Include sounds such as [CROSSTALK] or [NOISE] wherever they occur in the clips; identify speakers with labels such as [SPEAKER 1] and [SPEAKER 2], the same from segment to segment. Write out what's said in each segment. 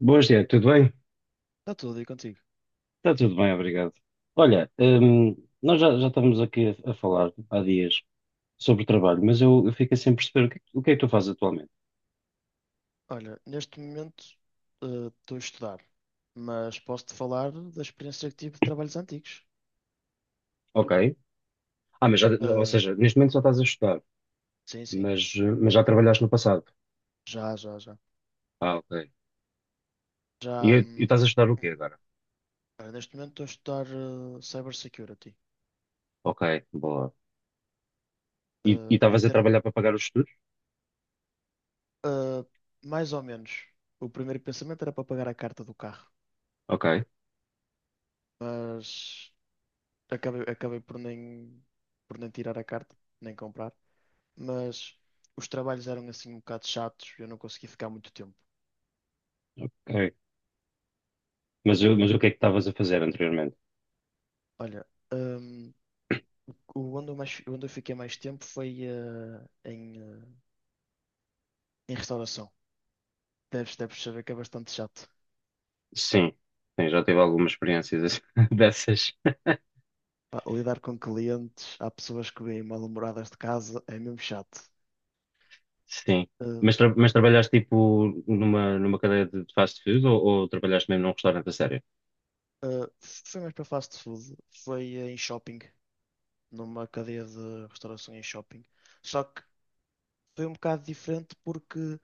[SPEAKER 1] Boas, Tiago, tudo bem?
[SPEAKER 2] Está tudo aí contigo.
[SPEAKER 1] Está tudo bem, obrigado. Olha, nós já estamos aqui a falar há dias sobre trabalho, mas eu fico sem perceber o que é que tu fazes atualmente.
[SPEAKER 2] Olha, neste momento estou a estudar, mas posso-te falar da experiência que tive de trabalhos antigos.
[SPEAKER 1] Ok. Ah, mas já, ou
[SPEAKER 2] Eh,
[SPEAKER 1] seja, neste momento só estás a estudar,
[SPEAKER 2] sim, sim,
[SPEAKER 1] mas, mas já trabalhaste no passado.
[SPEAKER 2] já, já, já.
[SPEAKER 1] Ah, ok. E,
[SPEAKER 2] Já,
[SPEAKER 1] e estás a estudar o quê agora?
[SPEAKER 2] olha, neste momento estou a estudar Cybersecurity.
[SPEAKER 1] Ok, boa. E
[SPEAKER 2] Eh, em
[SPEAKER 1] estavas a
[SPEAKER 2] termos,
[SPEAKER 1] trabalhar para pagar os estudos?
[SPEAKER 2] eh, Mais ou menos, o primeiro pensamento era para pagar a carta do carro,
[SPEAKER 1] Ok,
[SPEAKER 2] mas acabei por nem tirar a carta, nem comprar. Mas os trabalhos eram assim um bocado chatos, eu não consegui ficar muito tempo.
[SPEAKER 1] ok. Mas, mas o que é que estavas a fazer anteriormente?
[SPEAKER 2] Olha, hum, o onde eu mais, onde eu fiquei mais tempo foi em, eh, em restauração. Deves saber que é bastante chato.
[SPEAKER 1] Sim, sim, já tive algumas experiências [LAUGHS] dessas.
[SPEAKER 2] Pá, lidar com clientes, há pessoas que vêm mal-humoradas de casa, é mesmo chato.
[SPEAKER 1] Sim.
[SPEAKER 2] Eh,
[SPEAKER 1] Mas, mas trabalhaste tipo numa cadeia de fast food, ou trabalhaste mesmo num restaurante a sério?
[SPEAKER 2] Foi mais para fast food, foi em shopping, numa cadeia de restauração em shopping. Só que foi um bocado diferente porque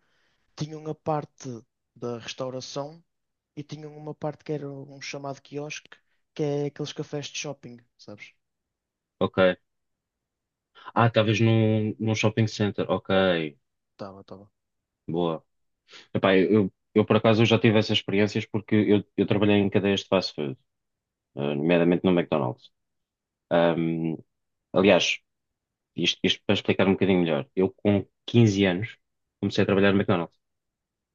[SPEAKER 2] tinham a parte da restauração e tinham uma parte que era um chamado quiosque, que é aqueles cafés de shopping, sabes?
[SPEAKER 1] Ok. Ah, talvez num shopping center. Ok.
[SPEAKER 2] Tava, tava.
[SPEAKER 1] Boa. Epá, por acaso eu já tive essas experiências, porque eu trabalhei em cadeias de fast food, nomeadamente no McDonald's. Ahm, Aliás, isto para explicar um bocadinho melhor. Eu com 15 anos comecei a trabalhar no McDonald's.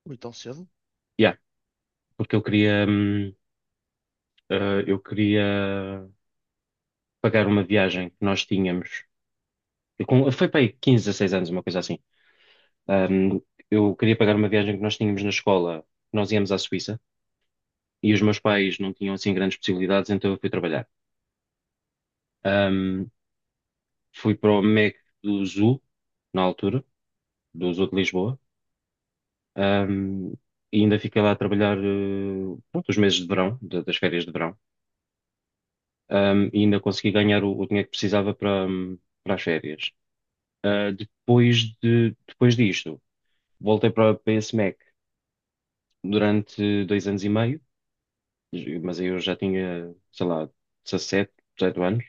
[SPEAKER 2] Ui, tão cedo?
[SPEAKER 1] Yeah, porque eu queria pagar uma viagem que nós tínhamos, foi para aí 15, 16 anos, uma coisa assim. Ahm, eu queria pagar uma viagem que nós tínhamos na escola, nós íamos à Suíça, e os meus
[SPEAKER 2] Ok.
[SPEAKER 1] pais não tinham assim grandes possibilidades, então eu fui trabalhar. Ahm, Fui para o MEC do Zoo, na altura, do Zoo de Lisboa. Ahm, e ainda fiquei lá a trabalhar, pronto, os meses de verão, das férias de verão. E ainda consegui ganhar o dinheiro que precisava para as férias. Ah, depois disto, voltei para esse MEC durante 2 anos e meio, mas aí eu já tinha, sei lá, 17, 18 anos,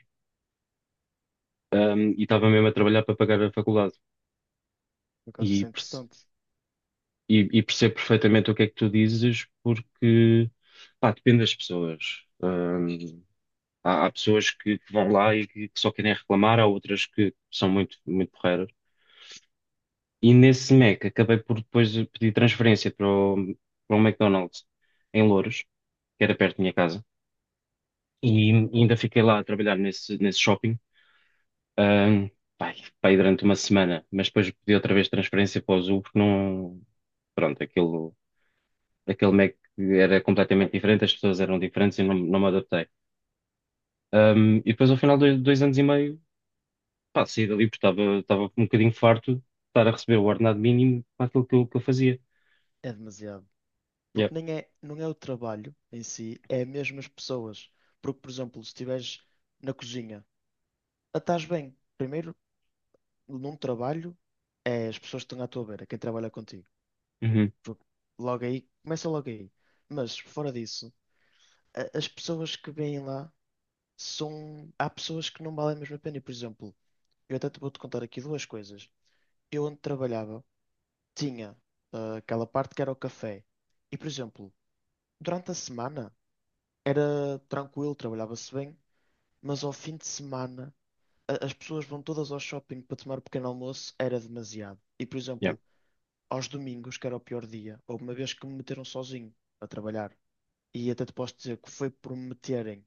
[SPEAKER 1] e estava mesmo a trabalhar para pagar a faculdade.
[SPEAKER 2] Por acaso
[SPEAKER 1] E,
[SPEAKER 2] isso é
[SPEAKER 1] perce-
[SPEAKER 2] interessante.
[SPEAKER 1] e percebo perfeitamente o que é que tu dizes, porque, pá, depende das pessoas. Há pessoas que vão lá e que só querem reclamar, há outras que são muito, muito porreiras. E nesse Mac acabei por depois pedir transferência para um McDonald's em Louros, que era perto da minha casa. E ainda fiquei lá a trabalhar nesse shopping, Ahm, pai, pai, durante uma semana, mas depois pedi outra vez transferência para o Azul, porque não. Pronto, aquele Mac era completamente diferente, as pessoas eram diferentes e não me adaptei. E depois, ao final de 2 anos e meio, pá, saí dali porque estava um bocadinho farto de estar a receber o ordenado mínimo para aquilo que eu fazia.
[SPEAKER 2] É demasiado. Porque
[SPEAKER 1] Yep.
[SPEAKER 2] nem é, não é o trabalho em si, é mesmo as pessoas. Porque, por exemplo, se estiveres na cozinha, ah, estás bem. Primeiro, num trabalho, é as pessoas que estão à tua beira, quem trabalha contigo.
[SPEAKER 1] Uhum.
[SPEAKER 2] Porque logo aí, começa logo aí. Mas, fora disso, as pessoas que vêm lá são. Há pessoas que não valem mesmo a pena. E, por exemplo, eu até te vou-te contar aqui duas coisas. Eu, onde trabalhava, tinha aquela parte que era o café. E, por exemplo, durante a semana era tranquilo, trabalhava-se bem, mas ao fim de semana as pessoas vão todas ao shopping para tomar o pequeno almoço, era demasiado. E, por
[SPEAKER 1] Yep.
[SPEAKER 2] exemplo, aos domingos, que era o pior dia, houve uma vez que me meteram sozinho a trabalhar. E até te posso dizer que foi por me meterem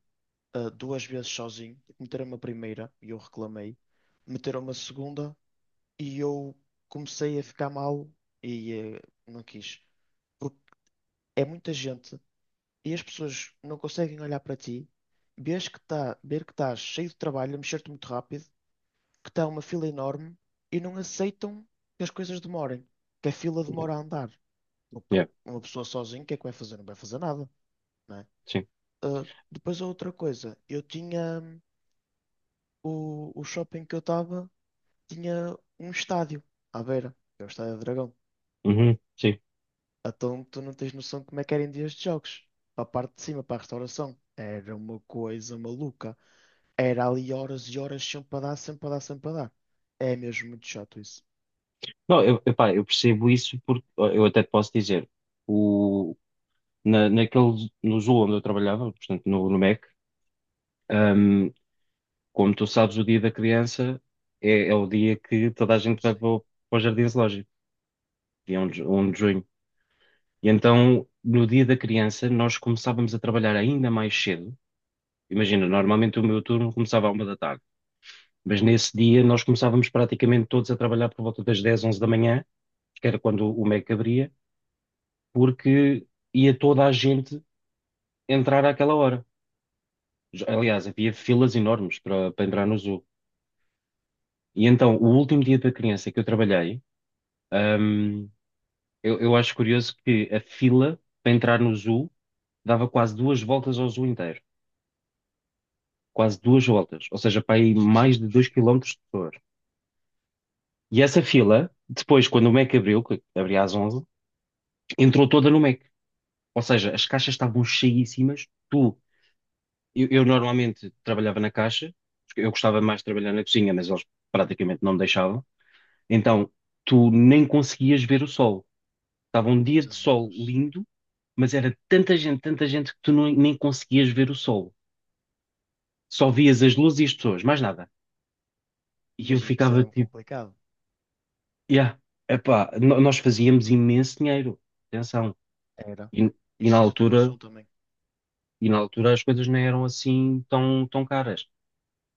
[SPEAKER 2] duas vezes sozinho, meteram-me a primeira e eu reclamei, meteram-me a segunda e eu comecei a ficar mal e não quis. É muita gente e as pessoas não conseguem olhar para ti, ver que estás cheio de trabalho, a mexer-te muito rápido, que está uma fila enorme e não aceitam que as coisas demorem, que a fila
[SPEAKER 1] Yep.
[SPEAKER 2] demora a andar. O que
[SPEAKER 1] Yep.
[SPEAKER 2] uma pessoa sozinha, o que é que vai fazer? Não vai fazer nada, não é?
[SPEAKER 1] Sim.
[SPEAKER 2] Ah, depois a outra coisa, eu tinha o shopping que eu estava, tinha um estádio à beira, que é o Estádio do Dragão.
[SPEAKER 1] Uhum. Sim.
[SPEAKER 2] Então tu não tens noção de como é que eram dias de jogos. Para a parte de cima, para a restauração. Era uma coisa maluca. Era ali horas e horas sempre a dar, sempre a dar, sempre a dar. É mesmo muito chato isso.
[SPEAKER 1] Não, eu, epá, eu percebo isso, porque ó, eu até te posso dizer, o, no Zoom onde eu trabalhava, portanto, no Mac. Ahm, Como tu sabes, o dia da criança é o dia que toda a gente
[SPEAKER 2] Jesus,
[SPEAKER 1] vai
[SPEAKER 2] sim.
[SPEAKER 1] para o Jardim Zoológico, dia 1 de junho. E então, no dia da criança, nós começávamos a trabalhar ainda mais cedo. Imagina, normalmente o meu turno começava à 1 da tarde, mas nesse dia nós começávamos praticamente todos a trabalhar por volta das 10, 11 da manhã, que era quando o MEC abria, porque ia toda a gente entrar àquela hora. Aliás, havia filas enormes para entrar no zoo. E então, o último dia da criança que eu trabalhei, Ahm, eu acho curioso que a fila para entrar no zoo dava quase duas voltas ao zoo inteiro. Quase duas voltas. Ou seja, para aí mais de dois
[SPEAKER 2] Jesus,
[SPEAKER 1] quilómetros de pessoas. E essa fila, depois, quando o Mac abriu, que abria às 11, entrou toda no Mac. Ou seja, as caixas estavam cheíssimas. Eu normalmente trabalhava na caixa, porque eu gostava mais de trabalhar na cozinha, mas eles praticamente não me deixavam. Então, tu nem conseguias ver o sol. Estava um dia de sol
[SPEAKER 2] Jesus.
[SPEAKER 1] lindo, mas era tanta gente que tu não- nem conseguias ver o sol. Só vias as luzes e as pessoas, mais nada. E eu
[SPEAKER 2] Imagino que isso é
[SPEAKER 1] ficava
[SPEAKER 2] mesmo
[SPEAKER 1] tipo,
[SPEAKER 2] complicado.
[SPEAKER 1] yeah, epá, nós fazíamos imenso dinheiro, atenção.
[SPEAKER 2] Era.
[SPEAKER 1] E, e na
[SPEAKER 2] Isso eu tenho noção
[SPEAKER 1] altura,
[SPEAKER 2] também.
[SPEAKER 1] e na altura as coisas não eram assim tão, tão caras.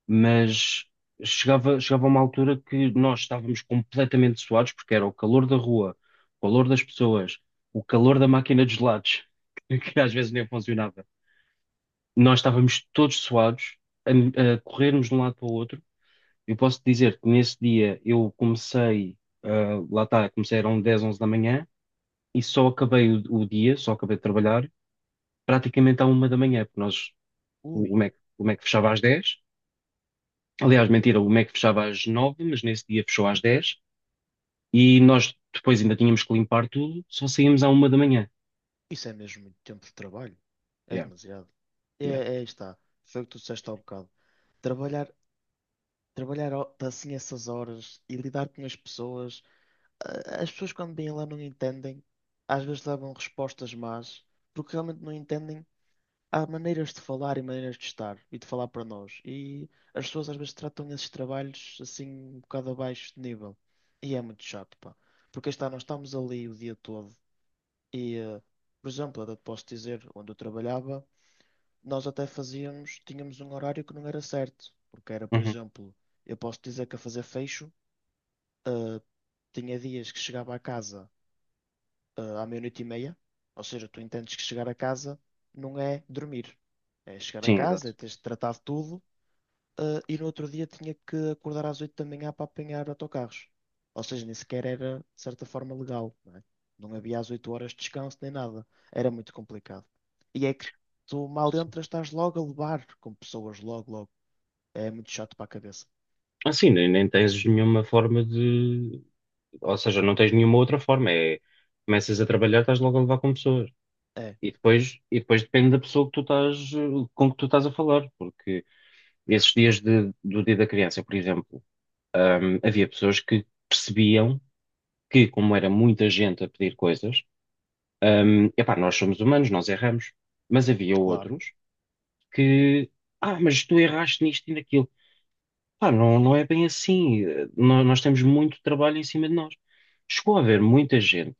[SPEAKER 1] Mas chegava uma altura que nós estávamos completamente suados, porque era o calor da rua, o calor das pessoas, o calor da máquina de gelados, [LAUGHS] que às vezes nem funcionava. Nós estávamos todos suados a, a corrermos de um lado para o outro. Eu posso dizer que nesse dia eu comecei, ah, lá está, comecei eram dez, 11 da manhã, e só acabei o dia, só acabei de trabalhar praticamente à 1 da manhã, porque nós,
[SPEAKER 2] Ui,
[SPEAKER 1] O Mac fechava às 10. Aliás, mentira, o Mac fechava às 9, mas nesse dia fechou às 10, e nós depois ainda tínhamos que limpar tudo, só saímos à 1 da manhã.
[SPEAKER 2] isso é mesmo muito tempo de trabalho. É
[SPEAKER 1] Yeah,
[SPEAKER 2] demasiado. É,
[SPEAKER 1] yeah.
[SPEAKER 2] é, aí está. Foi o que tu disseste há um bocado. Trabalhar, trabalhar assim essas horas e lidar com as pessoas As pessoas quando vêm lá não entendem, às vezes levam respostas más, porque realmente não entendem. Há maneiras de falar e maneiras de estar e de falar para nós. E as pessoas às vezes tratam esses trabalhos assim um bocado abaixo de nível. E é muito chato, pá. Porque aí está, nós estamos ali o dia todo. E, por exemplo, eu posso dizer, onde eu trabalhava, nós até fazíamos, tínhamos um horário que não era certo. Porque era, por
[SPEAKER 1] Uhum.
[SPEAKER 2] exemplo, eu posso dizer que a fazer fecho, eh, tinha dias que chegava a casa à meia-noite e meia. Ou seja, tu entendes que chegar a casa não é dormir. É chegar a
[SPEAKER 1] Sim,
[SPEAKER 2] casa,
[SPEAKER 1] exato.
[SPEAKER 2] é teres de tratar de tudo. Eh, e no outro dia tinha que acordar às 8 da manhã para apanhar autocarros. Ou seja, nem sequer era, de certa forma, legal. Não é? Não havia às 8 horas de descanso nem nada. Era muito complicado. E é que tu mal
[SPEAKER 1] Sim.
[SPEAKER 2] entras, estás logo a levar com pessoas, logo, logo. É muito chato para a cabeça.
[SPEAKER 1] Assim, nem tens nenhuma forma de. Ou seja, não tens nenhuma outra forma. É, começas a trabalhar, estás logo a levar com pessoas.
[SPEAKER 2] É,
[SPEAKER 1] E depois depende da pessoa que com que tu estás a falar. Porque esses dias do Dia da Criança, por exemplo, havia pessoas que percebiam que, como era muita gente a pedir coisas, epá, nós somos humanos, nós erramos. Mas havia
[SPEAKER 2] claro.
[SPEAKER 1] outros que, ah, mas tu erraste nisto e naquilo. Pá, não, não é bem assim. Nós temos muito trabalho em cima de nós. Chegou a haver muita gente,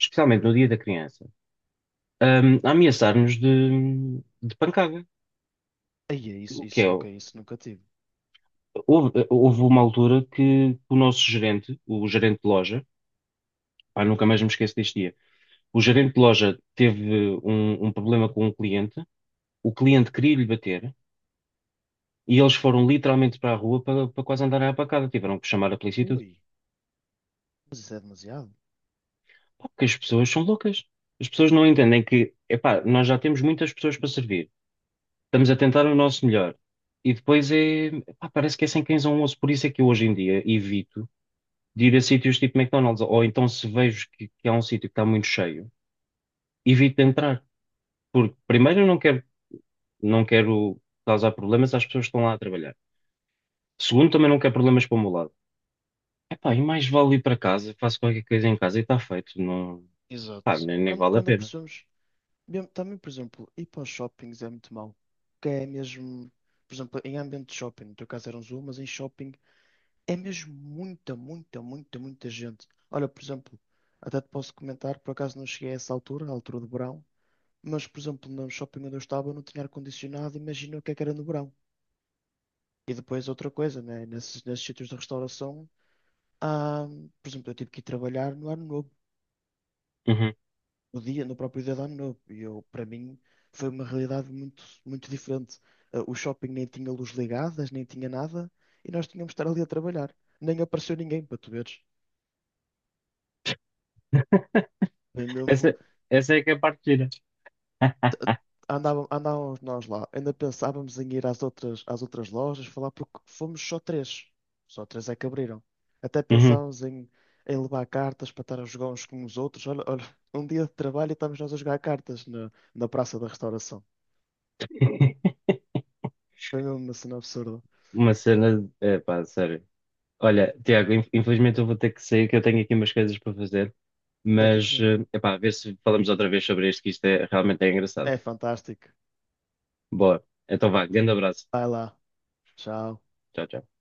[SPEAKER 1] especialmente no Dia da Criança, a ameaçar-nos de pancada.
[SPEAKER 2] Aí é
[SPEAKER 1] O
[SPEAKER 2] isso,
[SPEAKER 1] que é?
[SPEAKER 2] isso, ok, isso nunca tive.
[SPEAKER 1] Houve uma altura que o nosso gerente, o gerente de loja, pá, nunca mais me esqueço deste dia. O gerente de loja teve um problema com um cliente, o cliente queria lhe bater, e eles foram literalmente para a rua, para quase andarem à pancada. Tiveram que chamar a polícia e tudo.
[SPEAKER 2] Ui, mas isso é demasiado.
[SPEAKER 1] Pá, porque as pessoas são loucas. As pessoas não entendem que, epá, nós já temos muitas pessoas para servir. Estamos a tentar o nosso melhor. E depois é, epá, parece que é sem cães a um osso. Por isso é que eu hoje em dia evito de ir a sítios tipo McDonald's. Ou então, se vejo que há um sítio que está muito cheio, evito de entrar. Porque primeiro eu não quero causar problemas às pessoas que estão lá a trabalhar. Segundo, também não quero problemas para o meu lado. Epá, e mais vale ir para casa, faço qualquer coisa em casa e está feito. Não, pá,
[SPEAKER 2] Exato.
[SPEAKER 1] nem
[SPEAKER 2] Quando,
[SPEAKER 1] vale a
[SPEAKER 2] quando
[SPEAKER 1] pena.
[SPEAKER 2] apercebemos. Mesmo- Também, por exemplo, ir para os shoppings é muito mau. Que é mesmo, por exemplo, em ambiente de shopping, no teu caso era um zoo, mas em shopping é mesmo muita, muita, muita, muita gente. Olha, por exemplo, até te posso comentar, por acaso não cheguei a essa altura, à altura do verão, mas, por exemplo, no shopping onde eu estava não tinha ar-condicionado, imagina o que é que era no verão. E depois outra coisa, né? Nesses sítios de restauração, há, por exemplo, eu tive que ir trabalhar no ano novo.
[SPEAKER 1] Uhum.
[SPEAKER 2] No dia, no próprio dia de Ano Novo. E eu, para mim, foi uma realidade muito, muito diferente. Ah, o shopping nem tinha luz ligadas, nem tinha nada, e nós tínhamos de estar ali a trabalhar. Nem apareceu ninguém, para tu veres. Foi mesmo,
[SPEAKER 1] Essa, essa é que é a parte.
[SPEAKER 2] andávamos nós lá, ainda pensávamos em ir às outras lojas falar, porque fomos só três. Só três é que abriram. Até
[SPEAKER 1] Uhum.
[SPEAKER 2] pensávamos em, em levar cartas para estar a jogar uns com os outros. Olha, olha, um dia de trabalho e estamos nós a jogar cartas na, na Praça da Restauração.
[SPEAKER 1] [LAUGHS]
[SPEAKER 2] Foi mesmo uma cena absurda.
[SPEAKER 1] Uma cena. É pá, sério. Olha, Tiago, infelizmente eu vou ter que sair, que eu tenho aqui umas coisas para fazer, mas
[SPEAKER 2] Certíssimo.
[SPEAKER 1] é pá, a ver se falamos outra vez sobre isto, que isto é realmente engraçado.
[SPEAKER 2] É fantástico.
[SPEAKER 1] Boa. Então vá, grande abraço.
[SPEAKER 2] Vai lá. Tchau.
[SPEAKER 1] Tchau, tchau.